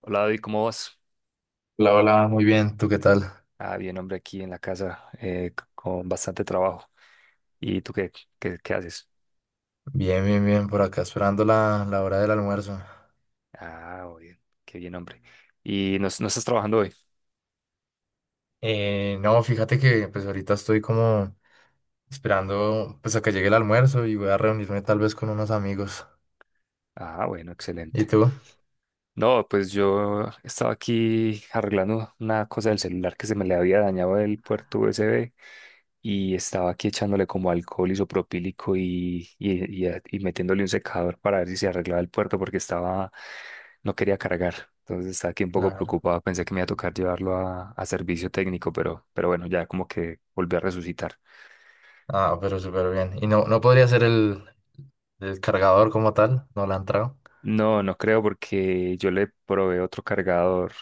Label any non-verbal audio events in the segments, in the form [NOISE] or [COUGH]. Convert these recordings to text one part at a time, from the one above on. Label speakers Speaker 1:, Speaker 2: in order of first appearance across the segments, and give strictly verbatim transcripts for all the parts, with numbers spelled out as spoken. Speaker 1: Hola David, ¿cómo vas?
Speaker 2: Hola, hola, muy bien, ¿tú qué tal?
Speaker 1: Ah, bien, hombre, aquí en la casa eh, c- con bastante trabajo. ¿Y tú qué, qué, qué haces?
Speaker 2: Bien, bien, bien, por acá esperando la, la hora del almuerzo.
Speaker 1: Ah, muy bien, qué bien, hombre. ¿Y no, no estás trabajando hoy?
Speaker 2: Eh, no, fíjate que pues ahorita estoy como esperando pues a que llegue el almuerzo y voy a reunirme tal vez con unos amigos.
Speaker 1: Ah, bueno,
Speaker 2: ¿Y
Speaker 1: excelente.
Speaker 2: tú?
Speaker 1: No, pues yo estaba aquí arreglando una cosa del celular que se me le había dañado el puerto U S B y estaba aquí echándole como alcohol isopropílico y, y, y, a- y metiéndole un secador para ver si se arreglaba el puerto porque estaba, no quería cargar. Entonces estaba aquí un poco
Speaker 2: Claro.
Speaker 1: preocupado, pensé que me iba a tocar llevarlo a, a servicio técnico, pero, pero bueno, ya como que volví a resucitar.
Speaker 2: Ah, pero súper bien. ¿Y no, no podría ser el, el cargador como tal? ¿No la han entrado?
Speaker 1: No, no creo porque yo le probé otro cargador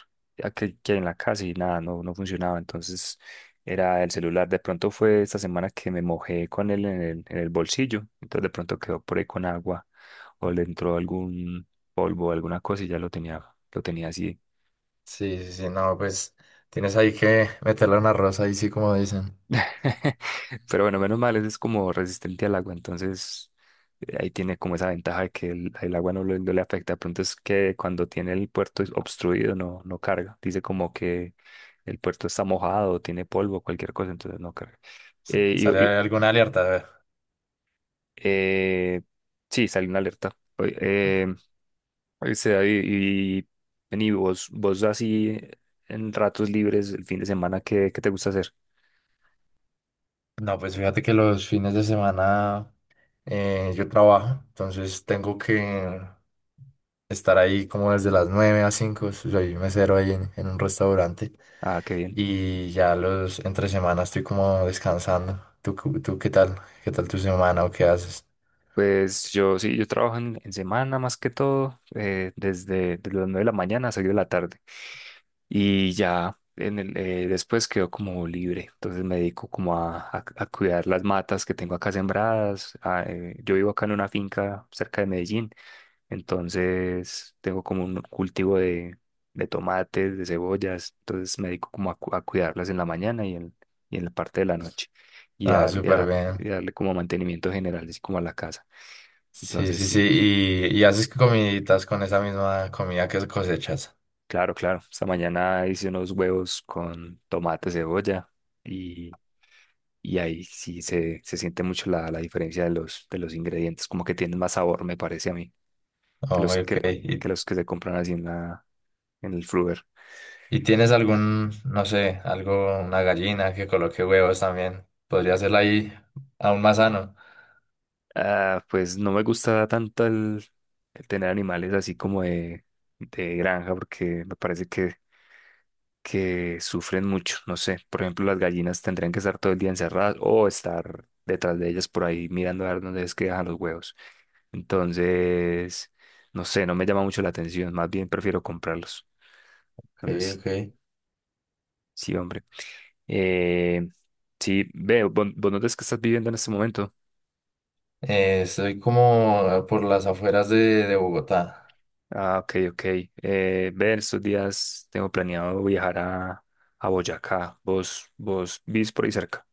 Speaker 1: a que, que hay en la casa y nada, no, no funcionaba. Entonces era el celular. De pronto fue esta semana que me mojé con él en el, en el bolsillo. Entonces de pronto quedó por ahí con agua o le entró algún polvo, alguna cosa y ya lo tenía, lo tenía así.
Speaker 2: Sí, sí, sí, no, pues tienes ahí que meterle una rosa ahí sí como dicen.
Speaker 1: [LAUGHS] Pero bueno, menos mal, ese es como resistente al agua, entonces eh, ahí tiene como esa ventaja de que el, el agua no, le no le afecta. De pronto es que cuando tiene el puerto obstruido no, no carga. Dice como que el puerto está mojado, tiene polvo, cualquier cosa, entonces no carga.
Speaker 2: S-
Speaker 1: Eh,
Speaker 2: ¿Sale
Speaker 1: y- y-
Speaker 2: alguna alerta? A ver.
Speaker 1: eh, sí, salió una alerta. Oye, Eh, oíste, David, y, vení, vos, vos así en ratos libres el fin de semana, ¿qué, qué te gusta hacer?
Speaker 2: No, pues fíjate que los fines de semana... eh, yo trabajo, entonces tengo que estar ahí como desde las nueve a cinco, soy mesero ahí en, en un restaurante
Speaker 1: Ah, qué bien.
Speaker 2: y ya los entre semana estoy como descansando. ¿Tú, cu- ¿tú qué tal? ¿Qué tal tu semana o qué haces?
Speaker 1: Pues yo sí, yo trabajo en, en semana más que todo, eh, desde, desde las nueve de la mañana a seis de la tarde. Y ya en el, eh, después quedo como libre. Entonces me dedico como a, a- a cuidar las matas que tengo acá sembradas. a, eh, yo vivo acá en una finca cerca de Medellín. Entonces tengo como un cultivo de, de tomates, de cebollas. Entonces me dedico como a, cu- a cuidarlas en la mañana y en, y en la parte de la noche. Y
Speaker 2: Ah,
Speaker 1: a, y
Speaker 2: súper
Speaker 1: a-
Speaker 2: bien.
Speaker 1: y darle como mantenimiento general, así como a la casa.
Speaker 2: Sí,
Speaker 1: Entonces
Speaker 2: sí, sí.
Speaker 1: sí,
Speaker 2: ¿Y, y haces comiditas con esa misma comida que cosechas?
Speaker 1: claro, claro. Esta mañana hice unos huevos con tomate, cebolla y, y ahí sí se, se siente mucho la, la diferencia de los, de los ingredientes, como que tienen más sabor, me parece a mí, que
Speaker 2: Oh,
Speaker 1: los
Speaker 2: ok.
Speaker 1: que,
Speaker 2: ¿Y,
Speaker 1: que los que se compran así en la, en el Fruver.
Speaker 2: y tienes algún, no sé, algo, una gallina que coloque huevos también? Podría hacerla ahí aún más sano.
Speaker 1: Ah, pues no me gusta tanto el, el tener animales así como de, de granja, porque me parece que que sufren mucho. No sé, por ejemplo, las gallinas tendrían que estar todo el día encerradas o estar detrás de ellas por ahí mirando a ver dónde es que dejan los huevos. Entonces, no sé, no me llama mucho la atención. Más bien prefiero comprarlos.
Speaker 2: Ok,
Speaker 1: Entonces, sí,
Speaker 2: ok.
Speaker 1: sí, hombre. Eh, sí, veo, ¿vos vos dónde es que estás viviendo en este momento?
Speaker 2: Eh, estoy como por las afueras de, de Bogotá.
Speaker 1: Ah, ok, ok. Eh, ve, en estos días tengo planeado viajar a, a Boyacá. ¿Vos, vos vivís por ahí cerca?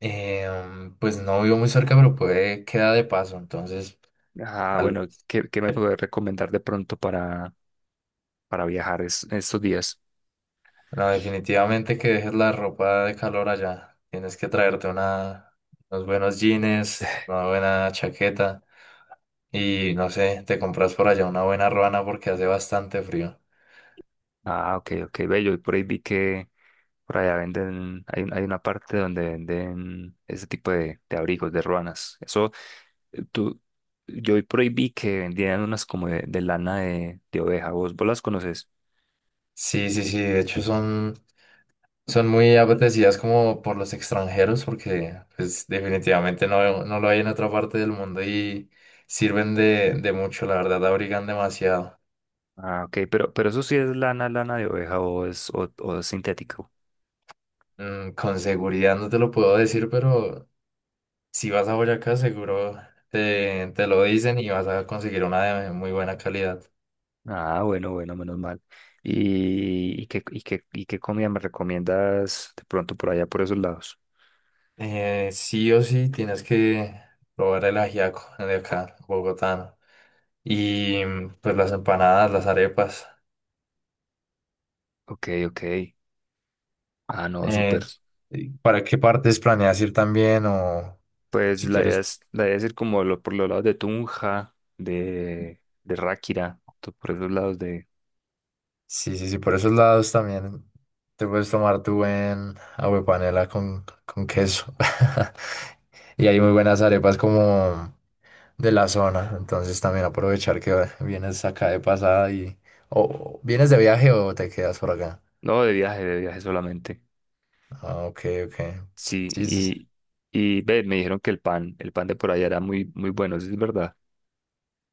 Speaker 2: Eh, mm, pues no vivo muy cerca, pero puede quedar de paso. Entonces,
Speaker 1: Ah,
Speaker 2: tal
Speaker 1: bueno,
Speaker 2: vez.
Speaker 1: ¿qué, qué me
Speaker 2: eh,
Speaker 1: podés recomendar de pronto para, para viajar es- estos días?
Speaker 2: No, definitivamente que dejes la ropa de calor allá. Tienes que traerte una, unos buenos jeans, una buena chaqueta y no sé, te compras por allá una buena ruana porque hace bastante frío.
Speaker 1: Ah, ok, ok, bello. Y por ahí vi que por allá venden, hay, un- hay una parte donde venden ese tipo de, de abrigos, de ruanas. Eso, eh, tú, yo hoy por ahí vi que vendían unas como de, de lana de, de oveja. ¿Vos, vos las conoces?
Speaker 2: Sí, sí, sí. De hecho, son son muy apetecidas como por los extranjeros porque pues definitivamente no, no lo hay en otra parte del mundo y sirven de, de mucho, la verdad, abrigan demasiado.
Speaker 1: Ah, ok, pero, pero eso sí es lana, lana de oveja o es, o, o es sintético.
Speaker 2: Mm, con seguridad no te lo puedo decir, pero si vas a Boyacá seguro te, te lo dicen y vas a conseguir una de muy buena calidad.
Speaker 1: Ah, bueno, bueno, menos mal. ¿Y, y qué, y qué, y qué comida me recomiendas de pronto por allá, por esos lados?
Speaker 2: Eh, sí o sí tienes que probar el ajiaco de acá, bogotano. Y mm, pues las empanadas, las arepas.
Speaker 1: Ok, ok. Ah, no, súper.
Speaker 2: Eh, ¿Para qué partes planeas ir también? O
Speaker 1: Pues
Speaker 2: si
Speaker 1: la idea
Speaker 2: quieres,
Speaker 1: es, la idea es ir como lo- por los lados de Tunja, de, de Ráquira, to- por esos lados de...
Speaker 2: sí, sí, sí, por esos lados también te puedes tomar tu buen aguapanela con, con queso. [LAUGHS] Y hay muy buenas arepas como de la zona, entonces también aprovechar que vienes acá de pasada y... O o vienes de viaje o te quedas por acá.
Speaker 1: No, de viaje, de viaje solamente.
Speaker 2: Ah, ok, ok.
Speaker 1: Sí,
Speaker 2: Sí, sí,
Speaker 1: y, y ve, me dijeron que el pan, el pan de por allá era muy, muy bueno, ¿eso es verdad?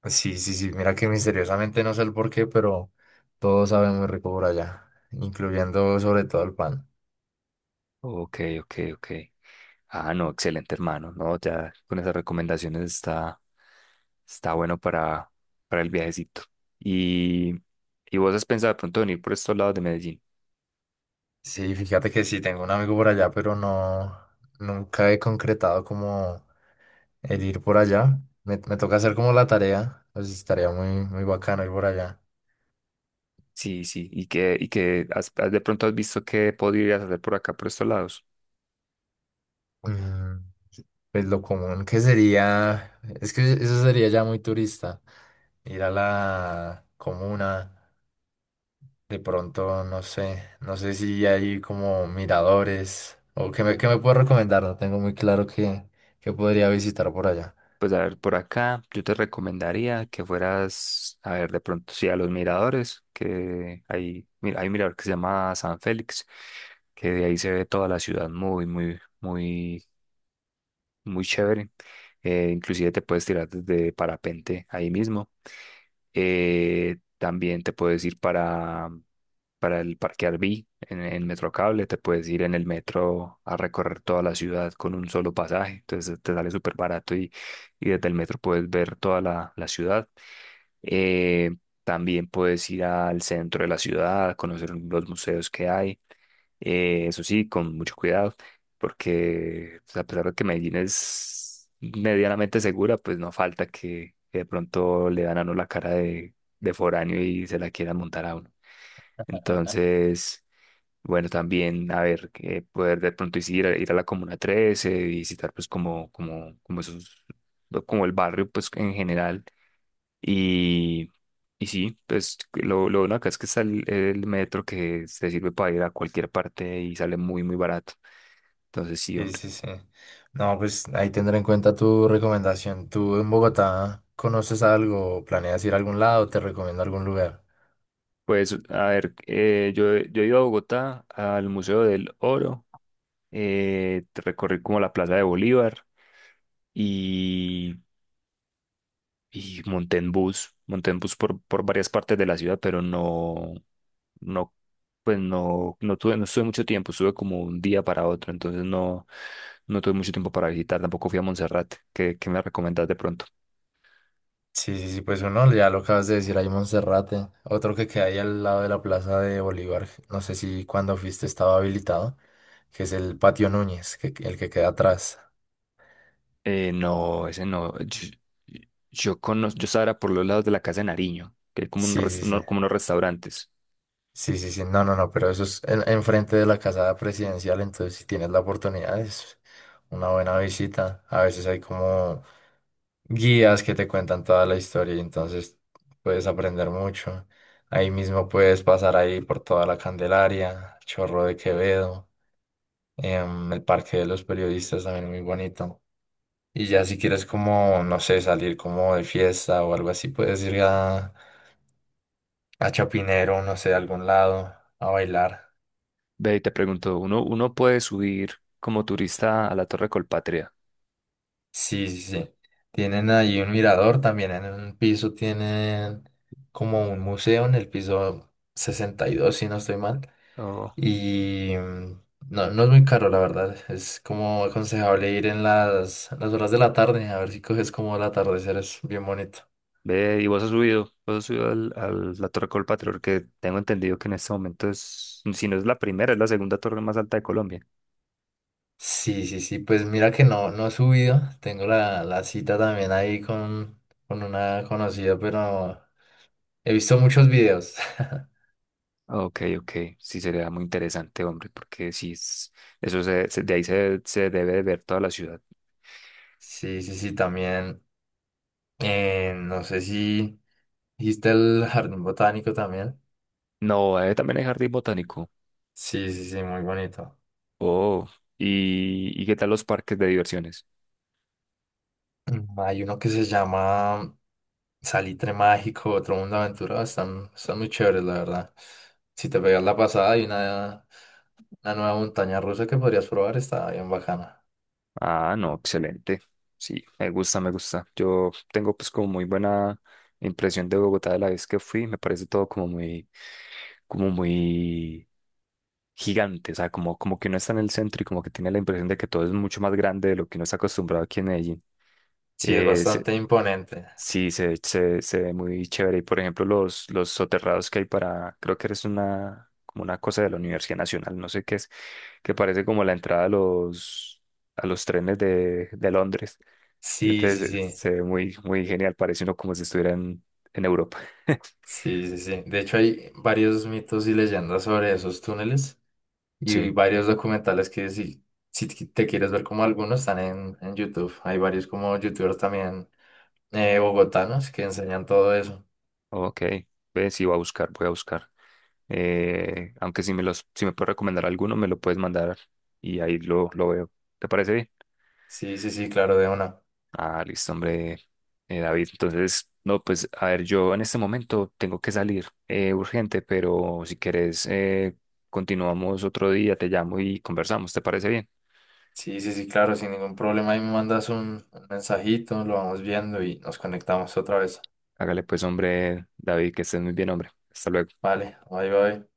Speaker 2: sí, sí, sí, mira que misteriosamente no sé el por qué, pero todo sabe muy rico por allá, incluyendo sobre todo el pan.
Speaker 1: Ok, ok, ok. Ah, no, excelente, hermano. No, ya con esas recomendaciones está, está bueno para, para el viajecito. Y, y vos has pensado de pronto venir por estos lados de Medellín.
Speaker 2: Sí, fíjate que sí, tengo un amigo por allá, pero no, nunca he concretado como el ir por allá. Me, me toca hacer como la tarea, pues estaría muy, muy bacano ir por allá.
Speaker 1: Sí, sí, y que, y que has- has- de pronto has visto qué podrías hacer por acá, por estos lados.
Speaker 2: Mm, pues lo común que sería, es que eso sería ya muy turista, ir a la comuna, de pronto, no sé, no sé si hay como miradores o qué me, qué me puedes recomendar, no tengo muy claro qué, qué podría visitar por allá.
Speaker 1: Pues a ver, por acá yo te recomendaría que fueras, a ver, de pronto sí a los miradores, que hay, mira, hay un mirador que se llama San Félix, que de ahí se ve toda la ciudad muy, muy, muy muy chévere. Eh, inclusive te puedes tirar desde parapente ahí mismo. Eh, también te puedes ir para, para el Parque Arví en, en Metrocable, te puedes ir en el metro a recorrer toda la ciudad con un solo pasaje, entonces te sale súper barato y, y desde el metro puedes ver toda la, la ciudad. Eh, también puedes ir al centro de la ciudad, conocer los museos que hay. Eh, eso sí, con mucho cuidado, porque pues, a pesar de que Medellín es medianamente segura, pues no falta que, que de pronto le dan a uno la cara de, de foráneo y se la quieran montar a uno. Entonces, bueno, también, a ver, que poder de pronto sí ir a, ir a la Comuna trece, visitar pues como, como, como esos, como el barrio pues en general y, y sí, pues lo, lo bueno acá es que está el, el metro que se sirve para ir a cualquier parte y sale muy, muy barato. Entonces sí,
Speaker 2: Sí,
Speaker 1: hombre.
Speaker 2: sí, sí. No, pues ahí tendré en cuenta tu recomendación. ¿Tú en Bogotá conoces algo? ¿Planeas ir a algún lado? ¿Te recomiendo algún lugar?
Speaker 1: Pues a ver, eh, yo, yo he ido a Bogotá al Museo del Oro, eh, recorrí como la Plaza de Bolívar y y monté en bus, monté en bus por, por varias partes de la ciudad, pero no, no, pues no, no tuve, no estuve mucho tiempo, estuve como un día para otro, entonces no, no tuve mucho tiempo para visitar, tampoco fui a Montserrat, ¿qué, qué me recomendás de pronto?
Speaker 2: Sí, sí, sí, pues uno, ya lo acabas de decir, hay Monserrate. Otro que queda ahí al lado de la Plaza de Bolívar. No sé si cuando fuiste estaba habilitado, que es el Patio Núñez, que, el que queda atrás.
Speaker 1: Eh, no, ese no, yo, yo conozco, yo estaba era por los lados de la casa de Nariño, que hay como, un
Speaker 2: Sí,
Speaker 1: res-
Speaker 2: sí, sí.
Speaker 1: uno- como unos restaurantes.
Speaker 2: Sí, sí, sí. No, no, no, pero eso es en- enfrente de la casa presidencial, entonces si tienes la oportunidad es una buena visita. A veces hay como guías que te cuentan toda la historia y entonces puedes aprender mucho. Ahí mismo puedes pasar ahí por toda la Candelaria, Chorro de Quevedo, em, el Parque de los Periodistas también, muy bonito. Y ya si quieres como, no sé, salir como de fiesta o algo así, puedes ir a, a Chapinero, no sé, a algún lado, a bailar.
Speaker 1: Ve y te pregunto, ¿uno, uno puede subir como turista a la Torre Colpatria?
Speaker 2: Sí, sí, sí. Tienen ahí un mirador también en un piso, tienen como un museo en el piso sesenta y dos, si no estoy mal.
Speaker 1: Oh,
Speaker 2: Y mm, no, no es muy caro, la verdad. Es como aconsejable ir en las, en las horas de la tarde, a ver si coges como el atardecer, es bien bonito.
Speaker 1: ve, y vos has subido, vos has subido al, al- la Torre Colpatrio, que tengo entendido que en este momento es, si no es la primera, es la segunda torre más alta de Colombia.
Speaker 2: Sí, sí, sí, pues mira que no, no he subido. Tengo la, la cita también ahí con, con una conocida, pero he visto muchos videos. [LAUGHS]
Speaker 1: Ok, ok, sí sería muy interesante, hombre, porque sí, es- eso se, se- de ahí se, se debe de ver toda la ciudad.
Speaker 2: Sí, sí, sí, también. Eh, no sé si hiciste el jardín botánico también.
Speaker 1: No, eh, también hay jardín botánico.
Speaker 2: Sí, sí, sí, muy bonito.
Speaker 1: Oh, ¿y, y qué tal los parques de diversiones?
Speaker 2: Mm, hay uno que se llama Salitre Mágico, otro Mundo de Aventura. Están, están muy chéveres, la verdad. Si te pegas la pasada, hay una, una nueva montaña rusa que podrías probar. Está bien bacana.
Speaker 1: Ah, no, excelente. Sí, me gusta, me gusta. Yo tengo pues como muy buena impresión de Bogotá de la vez que fui. Me parece todo como muy, como muy gigante. O sea, como, como que uno está en el centro y como que tiene la impresión de que todo es mucho más grande de lo que uno está acostumbrado aquí en Medellín.
Speaker 2: Sí, es bastante imponente.
Speaker 1: Sí, se, se, se ve muy chévere. Y por ejemplo, los, los soterrados que hay para, creo que es una, como una cosa de la Universidad Nacional, no sé qué es, que parece como la entrada a los, a los trenes de, de Londres.
Speaker 2: Sí,
Speaker 1: Entonces
Speaker 2: sí, sí.
Speaker 1: se se ve muy, muy genial, parece uno como si estuviera en, en Europa. [LAUGHS]
Speaker 2: Sí, sí, sí. De hecho, hay varios mitos y leyendas sobre esos túneles y
Speaker 1: Sí,
Speaker 2: varios documentales que si, si te te quieres ver, como algunos están en, en YouTube. Hay varios como youtubers también, eh, bogotanos, que enseñan todo eso.
Speaker 1: ok. Ve, sí, voy a buscar, voy a buscar. Eh, aunque si me los, si me puedes recomendar alguno, me lo puedes mandar y ahí lo, lo veo. ¿Te parece bien?
Speaker 2: Sí, sí, sí, claro, de una.
Speaker 1: Ah, listo, hombre, eh, David. Entonces, no, pues, a ver, yo en este momento tengo que salir eh, urgente, pero si quieres, eh, continuamos otro día, te llamo y conversamos, ¿te parece bien?
Speaker 2: Sí, sí, sí, claro, sin ningún problema. Ahí me mandas un, un mensajito, lo vamos viendo y nos conectamos otra vez.
Speaker 1: Hágale pues, hombre, David, que estés muy bien, hombre. Hasta luego.
Speaker 2: Vale, bye, bye.